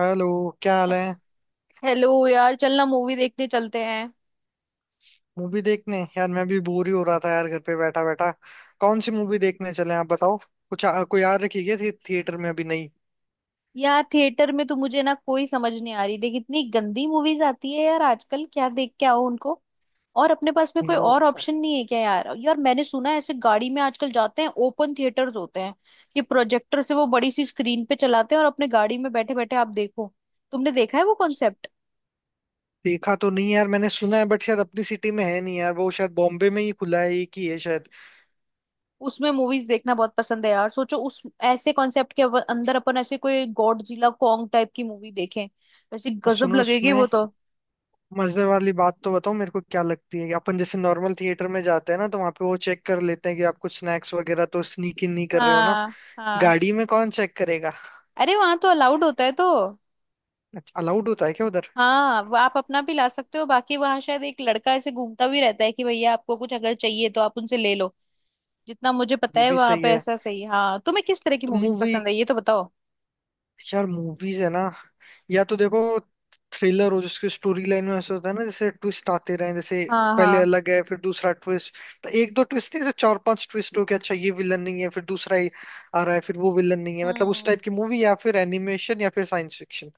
Hello. क्या हाल हे- है? हेलो यार चलना मूवी देखने चलते हैं। मूवी देखने, यार मैं भी बोर ही हो रहा था यार घर पे बैठा बैठा। कौन सी मूवी देखने चले, आप बताओ। कुछ कोई याद रखी क्या थी थिएटर में? अभी नहीं यार थिएटर में तो मुझे ना कोई समझ नहीं आ रही, देख इतनी गंदी मूवीज आती है यार आजकल, क्या देख के आओ उनको। और अपने पास में कोई वो। और ऑप्शन नहीं है क्या यार? मैंने सुना है ऐसे गाड़ी में आजकल जाते हैं, ओपन थिएटर्स होते हैं। ये प्रोजेक्टर से वो बड़ी सी स्क्रीन पे चलाते हैं और अपने गाड़ी में बैठे बैठे आप देखो। तुमने देखा है वो कॉन्सेप्ट? देखा तो नहीं यार, मैंने सुना है बट शायद अपनी सिटी में है नहीं यार। वो शायद बॉम्बे में ही खुला है, एक ही है शायद। उसमें मूवीज देखना बहुत पसंद है यार। सोचो उस ऐसे कॉन्सेप्ट के अंदर अपन ऐसे कोई गॉडजिला कॉन्ग टाइप की मूवी देखें, वैसे और गजब सुनो लगेगी वो उसमें तो। मजे वाली बात तो बताओ मेरे को, क्या लगती है कि अपन जैसे नॉर्मल थिएटर में जाते हैं ना, तो वहां पे वो चेक कर लेते हैं कि आप कुछ स्नैक्स वगैरह तो स्नीक इन नहीं कर रहे हो ना। हाँ, हाँ, गाड़ी में कौन चेक करेगा? अरे वहां तो अलाउड होता है तो। अलाउड होता है क्या उधर? हाँ, वो आप अपना भी ला सकते हो, बाकी वहां शायद एक लड़का ऐसे घूमता भी रहता है कि भैया आपको कुछ अगर चाहिए तो आप उनसे ले लो। जितना मुझे पता ये है भी वहां सही पे है। ऐसा सही। हाँ, तुम्हें किस तरह की तो मूवीज मूवी, पसंद है ये तो बताओ। यार मूवीज है ना, या तो देखो थ्रिलर हो जिसकी स्टोरी लाइन में ऐसा होता है ना जैसे ट्विस्ट आते रहे। जैसे हाँ, पहले हाँ। अलग है, फिर दूसरा ट्विस्ट। तो एक दो ट्विस्ट नहीं, जैसे चार पांच ट्विस्ट हो के अच्छा ये विलन नहीं है, फिर दूसरा ही आ रहा है, फिर वो विलन नहीं है। मतलब उस हम्म। टाइप की मूवी, या फिर एनिमेशन, या फिर साइंस फिक्शन।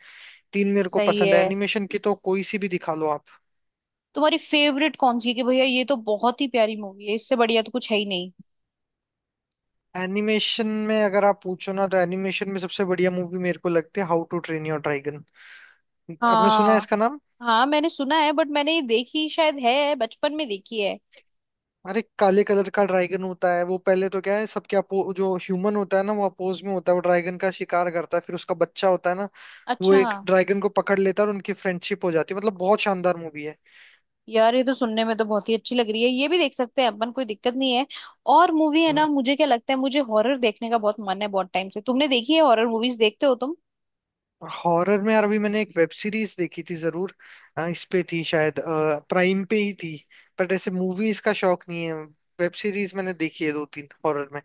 तीन मेरे को सही पसंद है। है। एनिमेशन की तो कोई सी भी दिखा लो आप। तुम्हारी फेवरेट कौन सी है कि भैया ये तो बहुत ही प्यारी मूवी है, इससे बढ़िया तो कुछ है ही नहीं। एनिमेशन में अगर आप पूछो ना, तो एनिमेशन में सबसे बढ़िया मूवी मेरे को लगती है how to train your dragon. आपने सुना है हाँ, इसका नाम? हाँ मैंने सुना है, बट मैंने ये देखी शायद है, बचपन में देखी है। अरे काले कलर का ड्रैगन होता है वो। पहले तो क्या है, सबके अपो, जो ह्यूमन होता है ना वो अपोज में होता है, वो ड्रैगन का शिकार करता है। फिर उसका बच्चा होता है ना, वो अच्छा। एक ड्रैगन को पकड़ लेता है और उनकी फ्रेंडशिप हो जाती है। मतलब बहुत शानदार मूवी है। यार ये तो सुनने में तो बहुत ही अच्छी लग रही है, ये भी देख सकते हैं अपन, कोई दिक्कत नहीं है। और मूवी है ना, हाँ। मुझे क्या लगता है मुझे हॉरर देखने का बहुत मन है बहुत टाइम से। तुमने देखी है हॉरर मूवीज, देखते हो तुम? हॉरर में यार अभी मैंने एक वेब सीरीज देखी थी जरूर। इस पे थी शायद, प्राइम पे ही थी। बट ऐसे मूवीज का शौक नहीं है। वेब सीरीज मैंने देखी है दो तीन हॉरर में।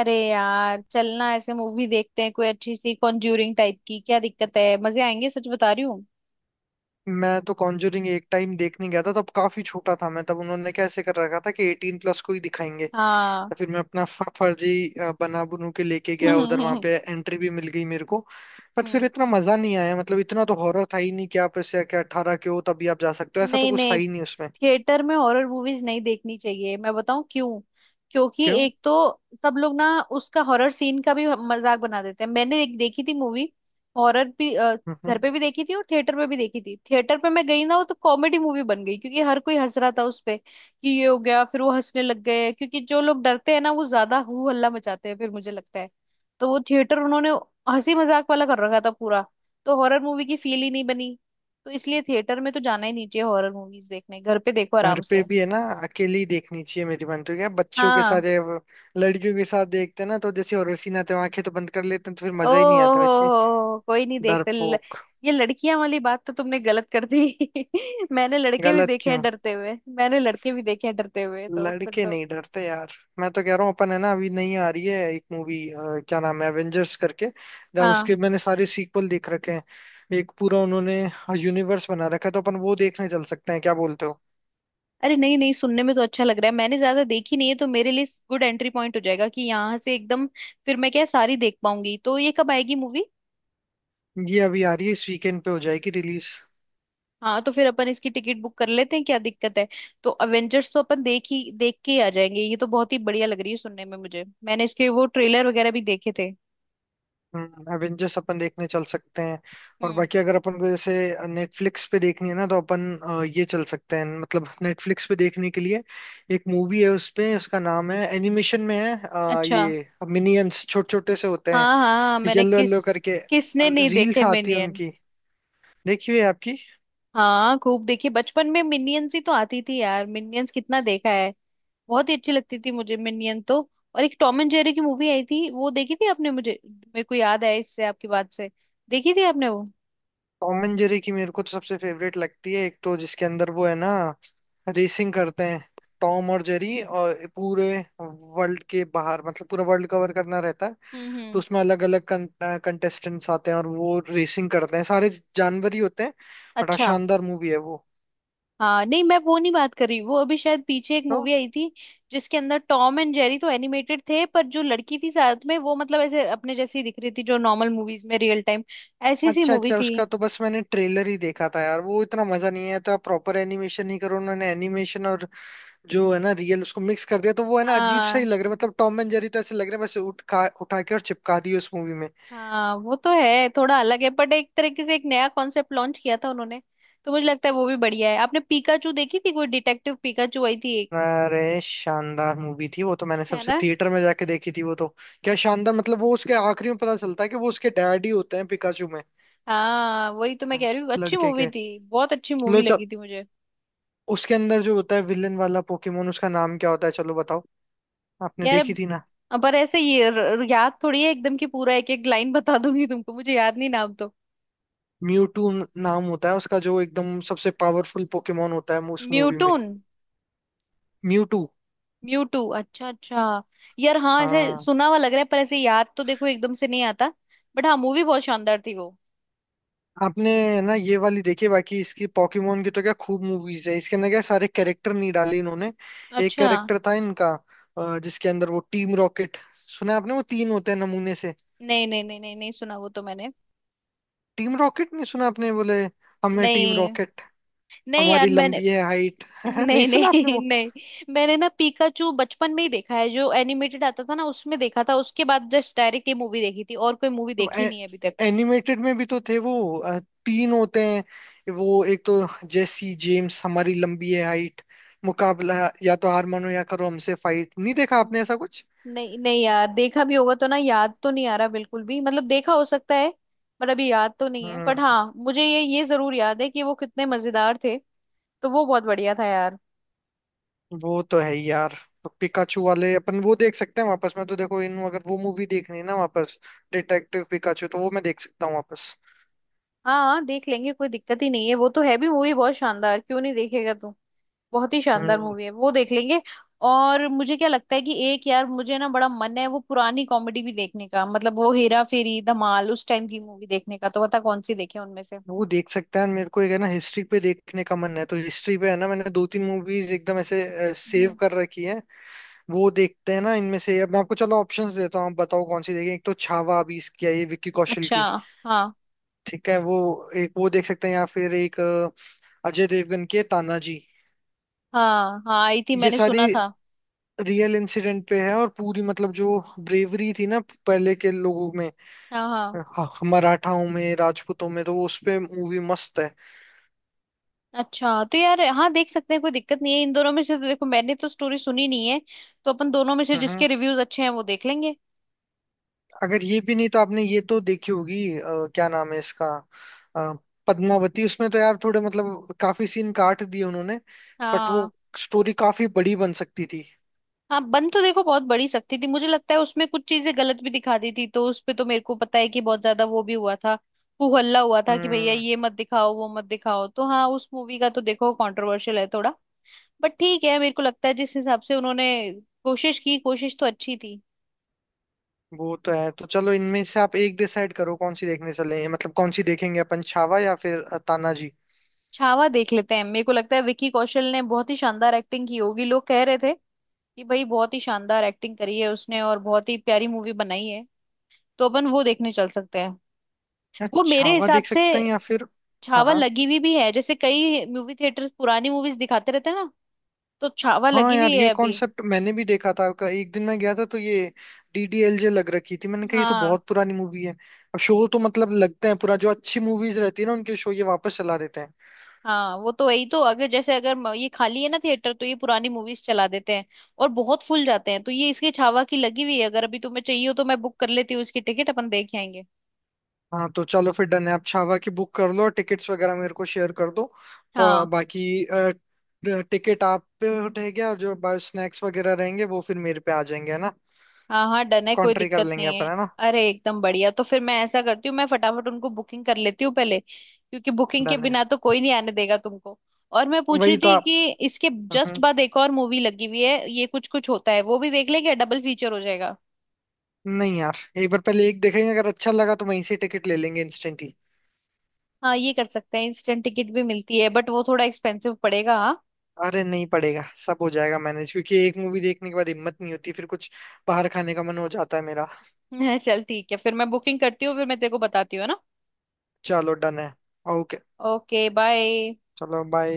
अरे यार चलना ऐसे मूवी देखते हैं कोई अच्छी सी कॉन्ज्यूरिंग टाइप की, क्या दिक्कत है, मजे आएंगे, सच बता रही हूँ। मैं तो कॉन्जरिंग एक टाइम देखने गया था, तब काफी छोटा था मैं। तब उन्होंने कैसे कर रखा था कि एटीन प्लस को ही दिखाएंगे। हाँ। तो फिर मैं अपना फर्जी बना बनू के लेके गया उधर, वहां पे एंट्री भी मिल गई मेरे को। बट फिर हम्म। इतना मजा नहीं आया। मतलब इतना तो हॉरर था ही नहीं कि आप ऐसे कि अठारह के हो तभी आप जा सकते हो, ऐसा तो नहीं कुछ था नहीं ही नहीं उसमें। थिएटर में हॉरर मूवीज नहीं देखनी चाहिए, मैं बताऊं क्यों। क्योंकि क्यों? एक तो सब लोग ना उसका हॉरर सीन का भी मजाक बना देते हैं। मैंने एक देखी थी मूवी हॉरर भी, घर हम्म, पे भी देखी थी और थिएटर पे भी देखी थी। थिएटर पे मैं गई ना वो तो कॉमेडी मूवी बन गई क्योंकि हर कोई हंस रहा था उस पे कि ये हो गया, फिर वो हंसने लग गए क्योंकि जो लोग डरते हैं ना वो ज्यादा हू हल्ला मचाते हैं, फिर मुझे लगता है तो वो थिएटर उन्होंने हंसी मजाक वाला कर रखा था पूरा, तो हॉरर मूवी की फील ही नहीं बनी। तो इसलिए थिएटर में तो जाना ही नहीं चाहिए हॉरर मूवीज देखने, घर पे देखो घर आराम पे से। भी है ना, अकेली देखनी चाहिए, मेरी मानते हो क्या? बच्चों के हाँ। साथ या वो लड़कियों के साथ देखते हैं ना, तो जैसे हॉरर सीन आते हैं आंखें तो बंद कर लेते हैं, तो फिर ओ मजा ही नहीं आता वैसे। हो, कोई नहीं देखते डरपोक। ये लड़कियां वाली बात तो तुमने गलत कर दी। मैंने लड़के भी गलत देखे हैं क्यों? डरते हुए, मैंने लड़के भी देखे हैं डरते हुए, तो फिर लड़के तो। नहीं डरते यार। मैं तो कह रहा हूँ, अपन है ना अभी नहीं आ रही है एक मूवी, क्या नाम है, एवेंजर्स करके। जहाँ हाँ। उसके मैंने सारे सीक्वल देख रखे हैं, एक पूरा उन्होंने यूनिवर्स बना रखा है। तो अपन वो देखने चल सकते हैं, क्या बोलते हो? अरे नहीं नहीं, सुनने में तो अच्छा लग रहा है, मैंने ज्यादा देखी नहीं है तो मेरे लिए गुड एंट्री पॉइंट हो जाएगा कि यहाँ से एकदम फिर मैं क्या सारी देख पाऊंगी। तो ये कब आएगी मूवी? ये अभी आ रही है, इस वीकेंड पे हो जाएगी रिलीज। हाँ, तो फिर अपन इसकी टिकट बुक कर लेते हैं, क्या दिक्कत है। तो अवेंजर्स तो अपन देख ही, देख के ही आ जाएंगे, ये तो बहुत ही बढ़िया लग रही है सुनने में मुझे, मैंने इसके वो ट्रेलर वगैरह भी देखे थे। एवेंजर्स अपन देखने चल सकते हैं। और हम्म। बाकी अगर अपन को जैसे नेटफ्लिक्स पे देखनी है ना, तो अपन ये चल सकते हैं। मतलब नेटफ्लिक्स पे देखने के लिए एक मूवी है उसपे, उसका नाम है, एनिमेशन में है, अच्छा। ये मिनियंस, छोटे छोटे से होते हैं, हाँ, हाँ मैंने येलो किस, येलो करके। किसने नहीं रील्स देखे आती है मिनियन। उनकी, देखी हुई है आपकी। हाँ खूब देखे बचपन में, मिनियंस ही तो आती थी यार, मिनियंस कितना देखा है। बहुत ही अच्छी लगती थी मुझे मिनियन तो। और एक टॉम एंड जेरी की मूवी आई थी, वो देखी थी आपने? मुझे मेरे को याद आया इससे आपकी बात से। देखी थी आपने वो? टॉम एंड जेरी की मेरे को तो सबसे फेवरेट लगती है एक, तो जिसके अंदर वो है ना रेसिंग करते हैं टॉम और जेरी, और पूरे वर्ल्ड के बाहर, मतलब पूरा वर्ल्ड कवर करना रहता है। हम्म, तो हम्म। उसमें अलग अलग कंटेस्टेंट्स आते हैं और वो रेसिंग करते हैं, सारे जानवर ही होते हैं। बड़ा अच्छा। शानदार मूवी है वो हाँ नहीं मैं वो नहीं बात कर रही, वो अभी शायद पीछे एक तो। मूवी आई थी जिसके अंदर टॉम एंड जेरी तो एनिमेटेड थे पर जो लड़की थी साथ में वो मतलब ऐसे अपने जैसी दिख रही थी, जो नॉर्मल मूवीज में रियल टाइम, ऐसी सी अच्छा मूवी अच्छा, थी। उसका तो बस मैंने ट्रेलर ही देखा था यार। वो इतना मजा नहीं आया। तो आप प्रॉपर एनिमेशन ही करो। उन्होंने एनिमेशन और जो है ना रियल, उसको मिक्स कर दिया, तो वो है ना अजीब सा ही हाँ, लग रहा है। मतलब टॉम एंड जेरी तो ऐसे लग रहा है बस उठा उठा के और चिपका दिए उस मूवी में। हाँ वो तो है थोड़ा अलग है बट एक तरीके से एक नया कॉन्सेप्ट लॉन्च किया था उन्होंने, तो मुझे लगता है वो भी बढ़िया है। आपने पीकाचू देखी थी, कोई डिटेक्टिव पीकाचू आई थी एक, अरे शानदार मूवी थी वो तो, मैंने है सबसे ना? थिएटर में जाके देखी थी वो तो। क्या शानदार, मतलब वो उसके आखिरी में पता चलता है कि वो उसके डैडी होते हैं पिकाचू में। हाँ वही तो मैं हाँ, कह रही हूँ, अच्छी लड़के मूवी के। थी, बहुत अच्छी लो मूवी चल, लगी थी मुझे। उसके अंदर जो होता है विलन वाला पोकेमोन, उसका नाम क्या होता है, चलो बताओ। आपने यार देखी अब थी ना? अब पर ऐसे ये याद थोड़ी है एकदम की पूरा एक एक लाइन बता दूंगी तुमको, मुझे याद नहीं नाम तो। म्यूटू नाम होता है उसका, जो एकदम सबसे पावरफुल पोकेमोन होता है उस मूवी में। म्यूटून। म्यूटू। म्यूटू, अच्छा अच्छा। यार हाँ ऐसे हाँ। सुना हुआ लग रहा है, पर ऐसे याद तो देखो एकदम से नहीं आता, बट हाँ मूवी बहुत शानदार थी वो। आपने ना ये वाली देखी, बाकी इसकी पॉकीमोन की तो क्या खूब मूवीज है। इसके अंदर क्या सारे कैरेक्टर नहीं डाले इन्होंने। एक अच्छा। कैरेक्टर था इनका जिसके अंदर वो टीम रॉकेट, सुना है आपने? वो तीन होते हैं नमूने से। नहीं नहीं नहीं नहीं नहीं सुना वो तो मैंने। टीम रॉकेट नहीं सुना आपने? बोले, हमें टीम नहीं रॉकेट नहीं हमारी यार, मैंने लंबी है हाइट। नहीं नहीं सुना आपने नहीं वो? नहीं, मैंने ना पीकाचू बचपन में ही देखा है, जो एनिमेटेड आता था ना उसमें देखा था, उसके बाद जस्ट डायरेक्ट ये मूवी देखी थी और कोई मूवी तो देखी नहीं है अभी एनिमेटेड में भी तो थे वो। अ, तीन होते हैं वो। एक तो जेसी जेम्स, हमारी लंबी है हाइट, मुकाबला या तो हार मानो या करो हमसे फाइट। नहीं देखा तक। आपने ऐसा कुछ? नहीं नहीं यार, देखा भी होगा तो ना, याद तो नहीं आ रहा बिल्कुल भी, मतलब देखा हो सकता है पर अभी याद तो नहीं है। बट हाँ, मुझे ये जरूर याद है कि वो कितने मजेदार थे, तो वो बहुत बढ़िया था यार। वो तो है ही यार। पिकाचू वाले अपन वो देख सकते हैं वापस, मैं तो। देखो इन, अगर वो मूवी देखनी है ना वापस, डिटेक्टिव पिकाचू, तो वो मैं देख सकता हूँ वापस। हाँ, हाँ देख लेंगे, कोई दिक्कत ही नहीं है, वो तो है भी मूवी बहुत शानदार, क्यों नहीं देखेगा तू। बहुत ही शानदार हम्म, मूवी है वो, देख लेंगे। और मुझे क्या लगता है कि एक यार मुझे ना बड़ा मन है वो पुरानी कॉमेडी भी देखने का, मतलब वो हेरा फेरी धमाल, उस टाइम की मूवी देखने का, तो बता कौन सी देखे उनमें से। वो देख सकते हैं। मेरे को एक है ना हिस्ट्री पे देखने का मन है, तो हिस्ट्री पे है ना, मैंने दो तीन मूवीज एकदम ऐसे सेव हम्म। कर रखी है। वो देखते हैं ना इनमें से। अब मैं आपको चलो ऑप्शंस देता हूँ, आप बताओ कौन सी देखें। एक तो छावा, अभी इसकी आई है विक्की कौशल अच्छा। की, हाँ। ठीक है वो। एक वो देख सकते हैं, या फिर एक अजय देवगन की है, तानाजी। हाँ हाँ आई थी, ये मैंने सारी सुना था। रियल इंसिडेंट पे है और पूरी मतलब जो ब्रेवरी थी ना पहले के लोगों में, हाँ, हाँ। मराठाओं में, राजपूतों में, तो वो उस पे मूवी मस्त है। अच्छा तो यार हाँ देख सकते हैं कोई दिक्कत नहीं है इन दोनों में से, तो देखो मैंने तो स्टोरी सुनी नहीं है, तो अपन दोनों में से जिसके हम्म। रिव्यूज अच्छे हैं वो देख लेंगे। अगर ये भी नहीं, तो आपने ये तो देखी होगी, क्या नाम है इसका, अ, पद्मावती। उसमें तो यार थोड़े मतलब काफी सीन काट दिए उन्होंने, बट हाँ। वो स्टोरी काफी बड़ी बन सकती थी। हाँ बन तो देखो बहुत बड़ी सकती थी, मुझे लगता है उसमें कुछ चीजें गलत भी दिखा दी थी, तो उस पे तो मेरे को पता है कि बहुत ज्यादा वो भी हुआ था, हू हल्ला हुआ था कि भैया हम्म। ये मत दिखाओ वो मत दिखाओ, तो हाँ उस मूवी का तो देखो कंट्रोवर्शियल है थोड़ा। बट ठीक है, मेरे को लगता है जिस हिसाब से उन्होंने कोशिश की, कोशिश तो अच्छी थी। वो तो है। तो चलो इनमें से आप एक डिसाइड करो कौन सी देखने चले, मतलब कौन सी देखेंगे अपन, छावा या फिर तानाजी, छावा देख लेते हैं, मेरे को लगता है विकी कौशल ने बहुत ही शानदार एक्टिंग की होगी, लोग कह रहे थे कि भाई बहुत ही शानदार एक्टिंग करी है उसने और बहुत ही प्यारी मूवी बनाई है, तो अपन वो देखने चल सकते हैं। या वो मेरे छावा हिसाब देख से सकते हैं, या फिर हाँ छावा हाँ। लगी हुई भी है, जैसे कई मूवी थिएटर पुरानी मूवीज दिखाते रहते हैं ना, तो छावा हाँ लगी हुई यार, ये है अभी। कॉन्सेप्ट मैंने भी देखा था। एक दिन मैं गया था तो ये डीडीएलजे लग रखी थी। मैंने कहा ये तो हाँ। बहुत पुरानी मूवी है। अब शो तो मतलब लगते हैं, पूरा जो अच्छी मूवीज रहती है ना उनके शो ये वापस चला देते हैं। हाँ वो तो वही तो, अगर जैसे अगर ये खाली है ना थिएटर तो ये पुरानी मूवीज चला देते हैं, और बहुत फुल जाते हैं, तो ये इसकी छावा की लगी हुई है। अगर अभी तुम्हें चाहिए हो तो मैं बुक कर लेती हूँ इसकी टिकट, अपन देख आएंगे। हाँ तो चलो फिर डन है। आप छावा की बुक कर लो और टिकट्स वगैरह मेरे को शेयर कर दो। और हाँ। बाकी टिकट आप पे रहेगा, और जो स्नैक्स वगैरह रहेंगे वो फिर मेरे पे आ जाएंगे, है ना? हाँ, हाँ डन है कोई कॉन्ट्री कर दिक्कत लेंगे नहीं अपन, है। है ना? अरे एकदम बढ़िया, तो फिर मैं ऐसा करती हूँ, मैं फटाफट उनको बुकिंग कर लेती हूँ पहले, क्योंकि बुकिंग के डन है। बिना तो कोई नहीं आने देगा तुमको। और मैं पूछ रही वही तो थी आप। कि इसके जस्ट हम्म, बाद एक और मूवी लगी हुई है, ये कुछ कुछ होता है, वो भी देख लेंगे, डबल फीचर हो जाएगा। नहीं यार, एक बार पहले एक देखेंगे, अगर अच्छा लगा तो वहीं से टिकट ले लेंगे इंस्टेंट। हाँ, ये कर सकते हैं, इंस्टेंट टिकट भी मिलती है बट वो थोड़ा एक्सपेंसिव पड़ेगा। हाँ। अरे नहीं पड़ेगा, सब हो जाएगा मैनेज। क्योंकि एक मूवी देखने के बाद हिम्मत नहीं होती, फिर कुछ बाहर खाने का मन हो जाता है मेरा। चल ठीक है, फिर मैं बुकिंग करती हूँ, फिर मैं तेरे को बताती हूँ, है ना। चलो डन है। ओके। Okay bye. चलो बाय।